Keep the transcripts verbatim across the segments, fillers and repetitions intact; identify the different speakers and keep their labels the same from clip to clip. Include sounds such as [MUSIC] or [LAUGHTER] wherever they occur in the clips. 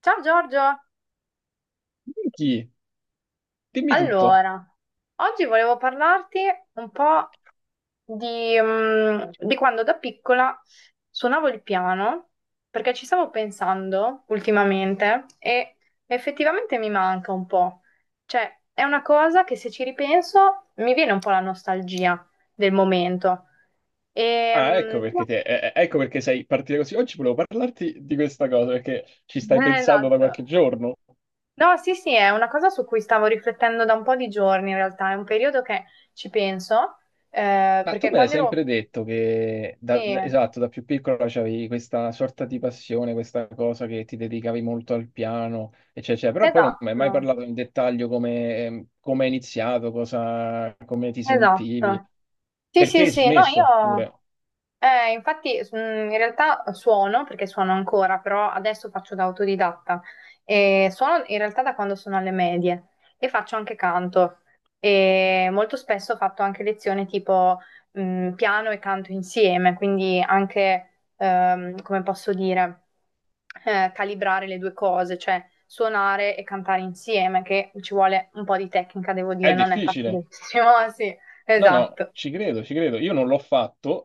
Speaker 1: Ciao Giorgio,
Speaker 2: Chi? Dimmi tutto.
Speaker 1: allora, oggi volevo parlarti un po' di, mm, di quando da piccola suonavo il piano, perché ci stavo pensando ultimamente e effettivamente mi manca un po'. Cioè, è una cosa che se ci ripenso mi viene un po' la nostalgia del momento. E,
Speaker 2: Ah, ecco
Speaker 1: mm,
Speaker 2: perché te, eh, eh, ecco perché sei partita così. Oggi volevo parlarti di questa cosa perché ci
Speaker 1: [LAUGHS]
Speaker 2: stai pensando da
Speaker 1: esatto.
Speaker 2: qualche giorno.
Speaker 1: No, sì, sì, è una cosa su cui stavo riflettendo da un po' di giorni in realtà, è un periodo che ci penso, eh,
Speaker 2: Ma tu
Speaker 1: perché
Speaker 2: me l'hai
Speaker 1: quando ero...
Speaker 2: sempre detto che,
Speaker 1: Sì,
Speaker 2: da, da- esatto, da più piccola c'avevi questa sorta di passione, questa cosa che ti dedicavi molto al piano, eccetera, eccetera. Però poi non mi hai mai
Speaker 1: esatto,
Speaker 2: parlato in dettaglio come, ehm, come hai iniziato, cosa, come ti sentivi,
Speaker 1: esatto. Sì,
Speaker 2: perché
Speaker 1: sì,
Speaker 2: hai
Speaker 1: sì, no,
Speaker 2: smesso
Speaker 1: io
Speaker 2: pure.
Speaker 1: Eh, infatti, s- mm, in realtà suono, perché suono ancora, però adesso faccio da autodidatta. E suono in realtà da quando sono alle medie e faccio anche canto. E molto spesso ho fatto anche lezioni tipo mm, piano e canto insieme, quindi anche, ehm, come posso dire, eh, calibrare le due cose, cioè suonare e cantare insieme, che ci vuole un po' di tecnica, devo dire,
Speaker 2: È
Speaker 1: non è
Speaker 2: difficile.
Speaker 1: facilissimo, [LAUGHS] sì,
Speaker 2: No, no,
Speaker 1: esatto.
Speaker 2: ci credo, ci credo. Io non l'ho fatto,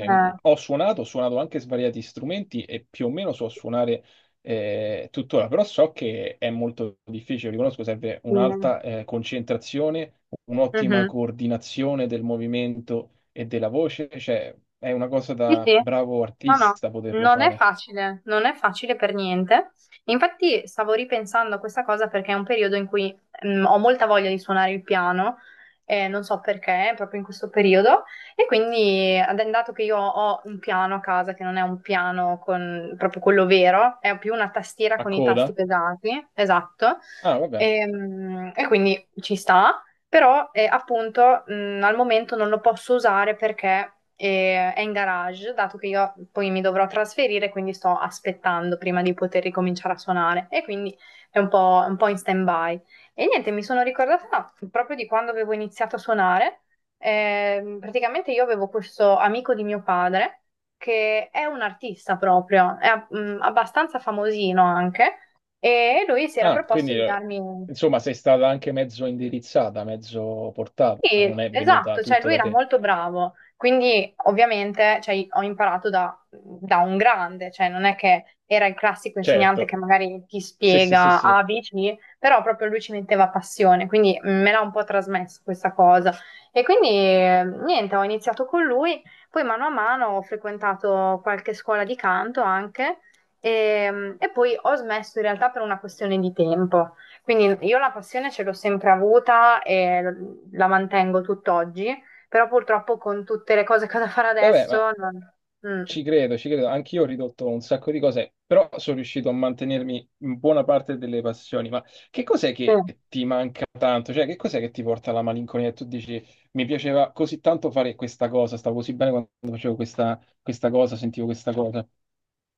Speaker 1: Eh,
Speaker 2: ho suonato, ho suonato anche svariati strumenti e più o meno so suonare eh, tuttora, però so che è molto difficile, riconosco, serve
Speaker 1: mm.
Speaker 2: un'alta eh, concentrazione, un'ottima
Speaker 1: Mhm.
Speaker 2: coordinazione del movimento e della voce, cioè è una cosa
Speaker 1: Sì,
Speaker 2: da
Speaker 1: sì.
Speaker 2: bravo
Speaker 1: No, no,
Speaker 2: artista poterlo
Speaker 1: non è
Speaker 2: fare.
Speaker 1: facile, non è facile per niente. Infatti stavo ripensando a questa cosa perché è un periodo in cui mm, ho molta voglia di suonare il piano, eh, non so perché, proprio in questo periodo, e quindi, ad- dato che io ho un piano a casa, che non è un piano con proprio quello vero, è più una tastiera
Speaker 2: A
Speaker 1: con i tasti
Speaker 2: coda?
Speaker 1: pesati, esatto.
Speaker 2: Ah, vabbè.
Speaker 1: Ehm, e quindi ci sta. Però eh, appunto mh, al momento non lo posso usare perché eh, è in garage, dato che io poi mi dovrò trasferire, quindi sto aspettando prima di poter ricominciare a suonare e quindi è un po', un po' in stand-by. E niente, mi sono ricordata proprio di quando avevo iniziato a suonare. Ehm, praticamente io avevo questo amico di mio padre che è un artista proprio, è ab- mh, abbastanza famosino anche, e lui si era
Speaker 2: Ah,
Speaker 1: proposto
Speaker 2: quindi
Speaker 1: di
Speaker 2: eh,
Speaker 1: darmi.
Speaker 2: insomma sei stata anche mezzo indirizzata, mezzo portata,
Speaker 1: Sì,
Speaker 2: non è venuta
Speaker 1: esatto, cioè
Speaker 2: tutto
Speaker 1: lui
Speaker 2: da
Speaker 1: era
Speaker 2: te.
Speaker 1: molto bravo, quindi ovviamente cioè, ho imparato da, da un grande, cioè non è che era il classico insegnante che
Speaker 2: Certo.
Speaker 1: magari ti
Speaker 2: Sì, sì, sì,
Speaker 1: spiega
Speaker 2: sì.
Speaker 1: A, B, C, però proprio lui ci metteva passione, quindi me l'ha un po' trasmesso questa cosa. E quindi eh, niente, ho iniziato con lui, poi mano a mano ho frequentato qualche scuola di canto anche e, e poi ho smesso in realtà per una questione di tempo. Quindi io la passione ce l'ho sempre avuta e l- la mantengo tutt'oggi, però purtroppo con tutte le cose che ho da fare
Speaker 2: Vabbè, ma
Speaker 1: adesso non... Mm.
Speaker 2: ci credo, ci credo. Anch'io ho ridotto un sacco di cose, però sono riuscito a mantenermi in buona parte delle passioni. Ma che cos'è
Speaker 1: Sì.
Speaker 2: che ti manca tanto? Cioè, che cos'è che ti porta alla malinconia? E tu dici, mi piaceva così tanto fare questa cosa, stavo così bene quando facevo questa, questa cosa, sentivo questa cosa.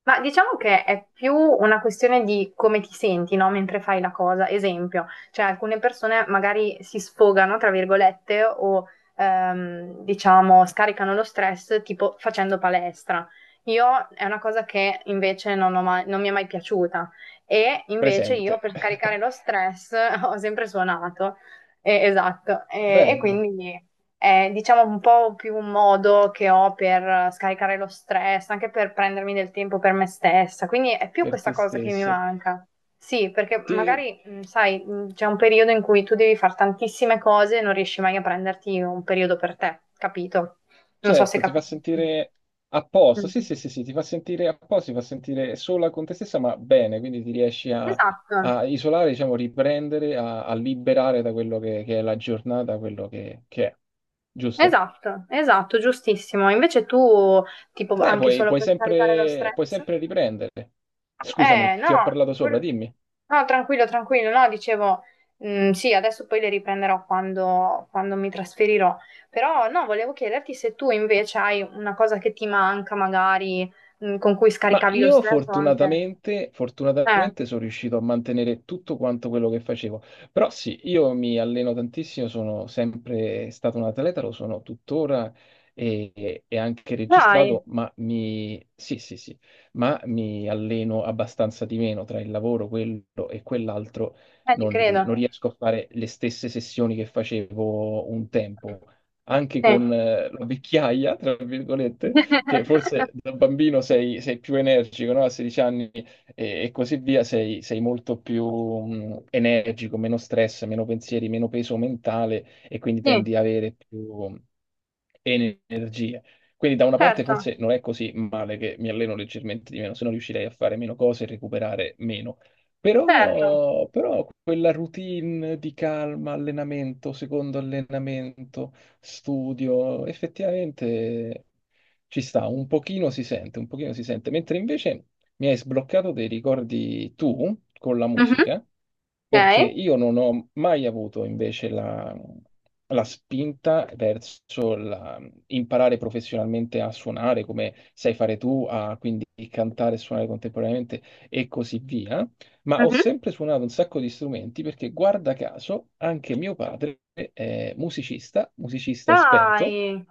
Speaker 1: Ma diciamo che è più una questione di come ti senti, no? Mentre fai la cosa. Esempio, cioè alcune persone magari si sfogano, tra virgolette, o ehm, diciamo scaricano lo stress tipo facendo palestra. Io è una cosa che invece non ho mai- non mi è mai piaciuta e invece io
Speaker 2: Presente.
Speaker 1: per scaricare lo
Speaker 2: [LAUGHS]
Speaker 1: stress [LAUGHS] ho sempre suonato. Eh, esatto. Eh, e
Speaker 2: Bello
Speaker 1: quindi è, diciamo, un po' più un modo che ho per scaricare lo stress, anche per prendermi del tempo per me stessa. Quindi è più
Speaker 2: per te
Speaker 1: questa cosa che mi
Speaker 2: stessa.
Speaker 1: manca. Sì, perché
Speaker 2: Ti-
Speaker 1: magari, mh, sai, mh, c'è un periodo in cui tu devi fare tantissime cose e non riesci mai a prenderti un periodo per te, capito? Non so se
Speaker 2: Certo, ti fa
Speaker 1: capisci.
Speaker 2: sentire a posto, sì,
Speaker 1: Mm.
Speaker 2: sì, sì, sì, ti fa sentire a posto, ti fa sentire sola con te stessa, ma bene, quindi ti riesci a,
Speaker 1: Esatto,
Speaker 2: a isolare, diciamo, riprendere, a, a liberare da quello che, che è la giornata, quello che, che è, giusto?
Speaker 1: esatto, esatto, giustissimo. Invece tu, tipo,
Speaker 2: Beh,
Speaker 1: anche
Speaker 2: puoi,
Speaker 1: solo
Speaker 2: puoi
Speaker 1: per caricare lo
Speaker 2: sempre, puoi
Speaker 1: stress.
Speaker 2: sempre riprendere.
Speaker 1: Eh,
Speaker 2: Scusami,
Speaker 1: no,
Speaker 2: ti ho parlato sopra,
Speaker 1: quel-
Speaker 2: dimmi.
Speaker 1: no, tranquillo, tranquillo, no, dicevo, mm, sì, adesso poi le riprenderò quando, quando mi trasferirò, però no, volevo chiederti se tu invece hai una cosa che ti manca magari, mm, con cui
Speaker 2: Ma
Speaker 1: scaricavi lo
Speaker 2: io
Speaker 1: stress o anche...
Speaker 2: fortunatamente,
Speaker 1: Eh,
Speaker 2: fortunatamente sono riuscito a mantenere tutto quanto quello che facevo. Però sì, io mi alleno tantissimo, sono sempre stato un atleta, lo sono tuttora e, e anche
Speaker 1: Dai,
Speaker 2: registrato, ma mi, sì, sì, sì, ma mi alleno abbastanza di meno tra il lavoro, quello e quell'altro.
Speaker 1: eh, ci
Speaker 2: Non,
Speaker 1: credo.
Speaker 2: non riesco a fare le stesse sessioni che facevo un tempo, anche
Speaker 1: Sì.
Speaker 2: con eh, la vecchiaia, tra virgolette, che
Speaker 1: [LAUGHS]
Speaker 2: forse da bambino sei, sei più energico, no? A sedici anni e, e così via, sei, sei molto più mh, energico, meno stress, meno pensieri, meno peso mentale e quindi
Speaker 1: Sì,
Speaker 2: tendi ad avere più energie. Quindi da una parte
Speaker 1: certo,
Speaker 2: forse non è così male che mi alleno leggermente di meno, se no riuscirei a fare meno cose e recuperare meno.
Speaker 1: certo.
Speaker 2: Però, però quella routine di calma, allenamento, secondo allenamento, studio, effettivamente ci sta, un pochino si sente, un pochino si sente, mentre invece mi hai sbloccato dei ricordi tu con la
Speaker 1: Mhm.
Speaker 2: musica,
Speaker 1: Ok.
Speaker 2: perché io non ho mai avuto invece la, la spinta verso la- imparare professionalmente a suonare come sai fare tu, a quindi cantare e suonare contemporaneamente e così via. Ma ho
Speaker 1: Mhm.
Speaker 2: sempre suonato un sacco di strumenti perché, guarda caso, anche mio padre è musicista, musicista esperto.
Speaker 1: Dai,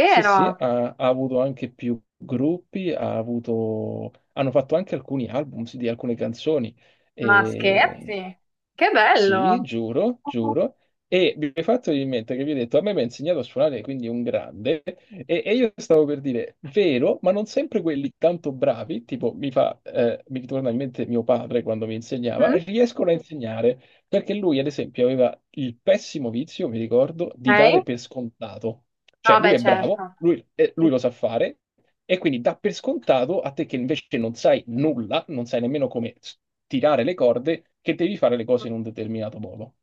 Speaker 2: Sì, sì, ha, ha avuto anche più gruppi, ha avuto, hanno fatto anche alcuni album di alcune canzoni.
Speaker 1: Ma
Speaker 2: E
Speaker 1: scherzi? Che
Speaker 2: sì,
Speaker 1: bello!
Speaker 2: giuro, giuro. E mi hai fatto venire in mente che vi ho detto, a me mi ha insegnato a suonare, quindi un grande, e, e io stavo per dire, vero, ma non sempre quelli tanto bravi, tipo mi fa, eh, mi torna in mente mio padre quando mi insegnava,
Speaker 1: Mhm.
Speaker 2: riescono a insegnare. Perché lui, ad esempio, aveva il pessimo vizio, mi ricordo, di dare
Speaker 1: Ok?
Speaker 2: per scontato. Cioè,
Speaker 1: Ah,
Speaker 2: lui
Speaker 1: beh,
Speaker 2: è bravo,
Speaker 1: certo.
Speaker 2: lui, eh,
Speaker 1: Sì.
Speaker 2: lui lo sa fare, e quindi dà per scontato a te che invece non sai nulla, non sai nemmeno come s- tirare le corde, che devi fare le cose in un determinato modo.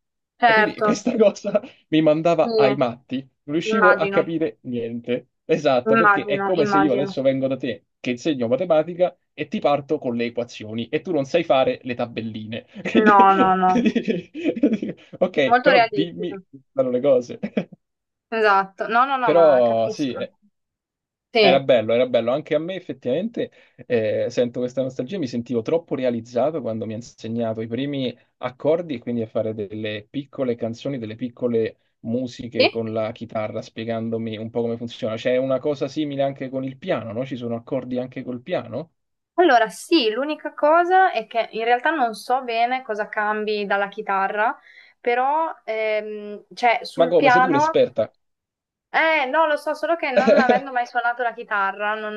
Speaker 2: E quindi
Speaker 1: Certo,
Speaker 2: questa cosa [LAUGHS] mi
Speaker 1: sì,
Speaker 2: mandava ai matti, non riuscivo a
Speaker 1: immagino,
Speaker 2: capire niente. Esatto, perché è
Speaker 1: immagino,
Speaker 2: come se io
Speaker 1: immagino.
Speaker 2: adesso vengo da te, che insegno matematica, e ti parto con le equazioni e tu non sai fare le tabelline. [LAUGHS] Quindi-
Speaker 1: No, no, no.
Speaker 2: [LAUGHS] Ok,
Speaker 1: Molto
Speaker 2: però dimmi
Speaker 1: realistico.
Speaker 2: quali sono le cose. [LAUGHS]
Speaker 1: Esatto. No, no, no, ma
Speaker 2: Però sì,
Speaker 1: capisco.
Speaker 2: è, era
Speaker 1: Sì.
Speaker 2: bello, era bello. Anche a me effettivamente eh, sento questa nostalgia, mi sentivo troppo realizzato quando mi ha insegnato i primi accordi e quindi a fare delle piccole canzoni, delle piccole
Speaker 1: Sì?
Speaker 2: musiche con la chitarra, spiegandomi un po' come funziona. C'è una cosa simile anche con il piano, no? Ci sono accordi anche col piano?
Speaker 1: Allora, sì, l'unica cosa è che in realtà non so bene cosa cambi dalla chitarra, però ehm, cioè,
Speaker 2: Ma
Speaker 1: sul
Speaker 2: come, sei tu
Speaker 1: piano.
Speaker 2: l'esperta?
Speaker 1: Eh, no, lo so, solo che non avendo mai suonato la chitarra, non,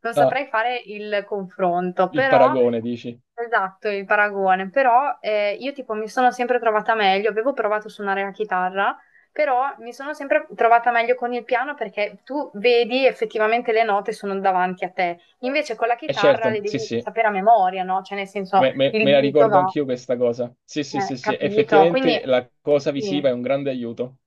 Speaker 1: non
Speaker 2: Ah,
Speaker 1: saprei fare il confronto,
Speaker 2: il
Speaker 1: però,
Speaker 2: paragone, dici?
Speaker 1: esatto, il paragone, però eh, io tipo mi sono sempre trovata meglio, avevo provato a suonare la chitarra, però mi sono sempre trovata meglio con il piano perché tu vedi effettivamente le note sono davanti a te, invece con la
Speaker 2: Eh
Speaker 1: chitarra le
Speaker 2: certo,
Speaker 1: devi
Speaker 2: sì, sì.
Speaker 1: sapere a memoria, no? Cioè nel senso
Speaker 2: Me, me-
Speaker 1: il
Speaker 2: me la
Speaker 1: dito
Speaker 2: ricordo
Speaker 1: va,
Speaker 2: anch'io questa cosa. Sì, sì,
Speaker 1: eh,
Speaker 2: sì, sì,
Speaker 1: capito? Quindi...
Speaker 2: effettivamente la cosa visiva
Speaker 1: sì.
Speaker 2: è un grande aiuto.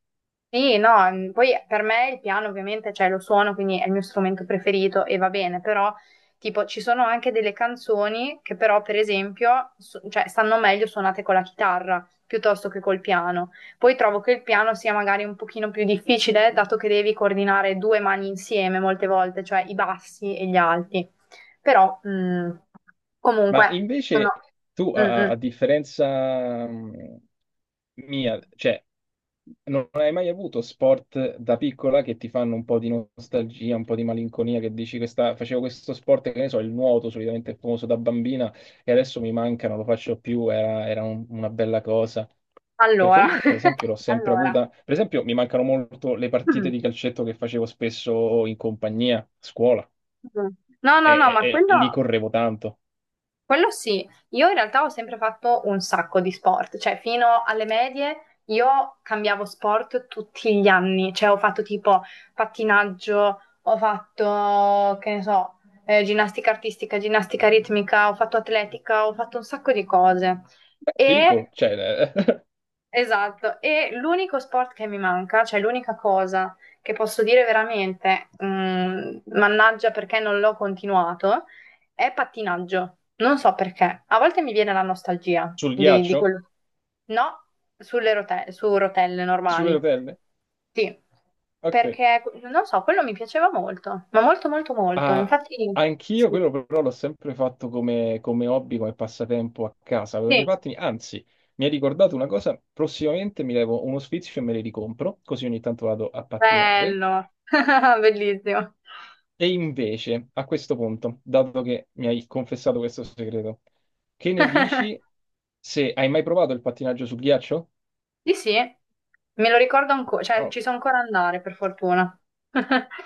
Speaker 1: Sì, no, mm, poi per me il piano ovviamente, cioè lo suono, quindi è il mio strumento preferito e va bene, però tipo ci sono anche delle canzoni che però per esempio su- cioè, stanno meglio suonate con la chitarra piuttosto che col piano. Poi trovo che il piano sia magari un pochino più difficile dato che devi coordinare due mani insieme molte volte, cioè i bassi e gli alti. Però mm,
Speaker 2: Ma
Speaker 1: comunque sono...
Speaker 2: invece tu,
Speaker 1: Mm,
Speaker 2: a, a
Speaker 1: mm.
Speaker 2: differenza mh, mia, cioè, non hai mai avuto sport da piccola che ti fanno un po' di nostalgia, un po' di malinconia, che dici questa, facevo questo sport, che ne so, il nuoto, solitamente famoso da bambina, e adesso mi manca, non lo faccio più, era, era un- una bella cosa. Perché
Speaker 1: Allora,
Speaker 2: io, per
Speaker 1: [LAUGHS]
Speaker 2: esempio, l'ho sempre
Speaker 1: allora.
Speaker 2: avuta. Per esempio, mi mancano molto le partite di
Speaker 1: [CLEARS THROAT]
Speaker 2: calcetto che facevo spesso in compagnia, a scuola,
Speaker 1: Mm. No, no, no,
Speaker 2: e,
Speaker 1: ma
Speaker 2: e- e lì
Speaker 1: quello...
Speaker 2: correvo tanto.
Speaker 1: Quello sì, io in realtà ho sempre fatto un sacco di sport, cioè fino alle medie io cambiavo sport tutti gli anni, cioè ho fatto tipo pattinaggio, ho fatto, che ne so, eh, ginnastica artistica, ginnastica ritmica, ho fatto atletica, ho fatto un sacco di cose. E
Speaker 2: Figo, cioè, eh,
Speaker 1: esatto, e l'unico sport che mi manca, cioè l'unica cosa che posso dire veramente, mm, mannaggia perché non l'ho continuato, è pattinaggio. Non so perché. A volte mi viene la
Speaker 2: [LAUGHS]
Speaker 1: nostalgia
Speaker 2: sul
Speaker 1: di, di
Speaker 2: ghiaccio?
Speaker 1: quello. No, sulle rote- su rotelle
Speaker 2: Sulle
Speaker 1: normali.
Speaker 2: rotelle?
Speaker 1: Sì,
Speaker 2: Ok.
Speaker 1: perché non so, quello mi piaceva molto, ma molto, molto, molto.
Speaker 2: Ah,
Speaker 1: Infatti,
Speaker 2: anch'io
Speaker 1: sì,
Speaker 2: quello però l'ho sempre fatto come, come hobby, come passatempo a casa, con i miei
Speaker 1: sì,
Speaker 2: pattini. Anzi, mi hai ricordato una cosa, prossimamente mi levo uno sfizio e me li ricompro, così ogni tanto vado a pattinare.
Speaker 1: bello, [LAUGHS] bellissimo.
Speaker 2: E invece, a questo punto, dato che mi hai confessato questo segreto, che ne
Speaker 1: [LAUGHS]
Speaker 2: dici se hai mai provato il pattinaggio sul ghiaccio?
Speaker 1: Sì, sì, me lo ricordo ancora, cioè
Speaker 2: Oh,
Speaker 1: ci so ancora andare per fortuna. [LAUGHS]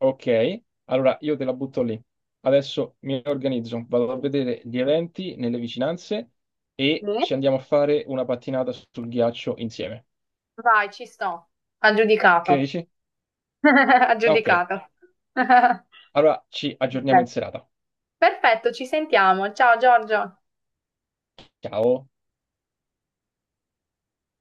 Speaker 2: ok, allora io te la butto lì. Adesso mi organizzo, vado a vedere gli eventi nelle vicinanze e
Speaker 1: Sì?
Speaker 2: ci andiamo a fare una pattinata sul ghiaccio insieme.
Speaker 1: Vai, ci sto.
Speaker 2: Che
Speaker 1: Aggiudicato.
Speaker 2: dici?
Speaker 1: [LAUGHS]
Speaker 2: Ok,
Speaker 1: Aggiudicato. [LAUGHS]
Speaker 2: allora ci aggiorniamo in
Speaker 1: Ok.
Speaker 2: serata.
Speaker 1: Perfetto, ci sentiamo. Ciao Giorgio.
Speaker 2: Ciao.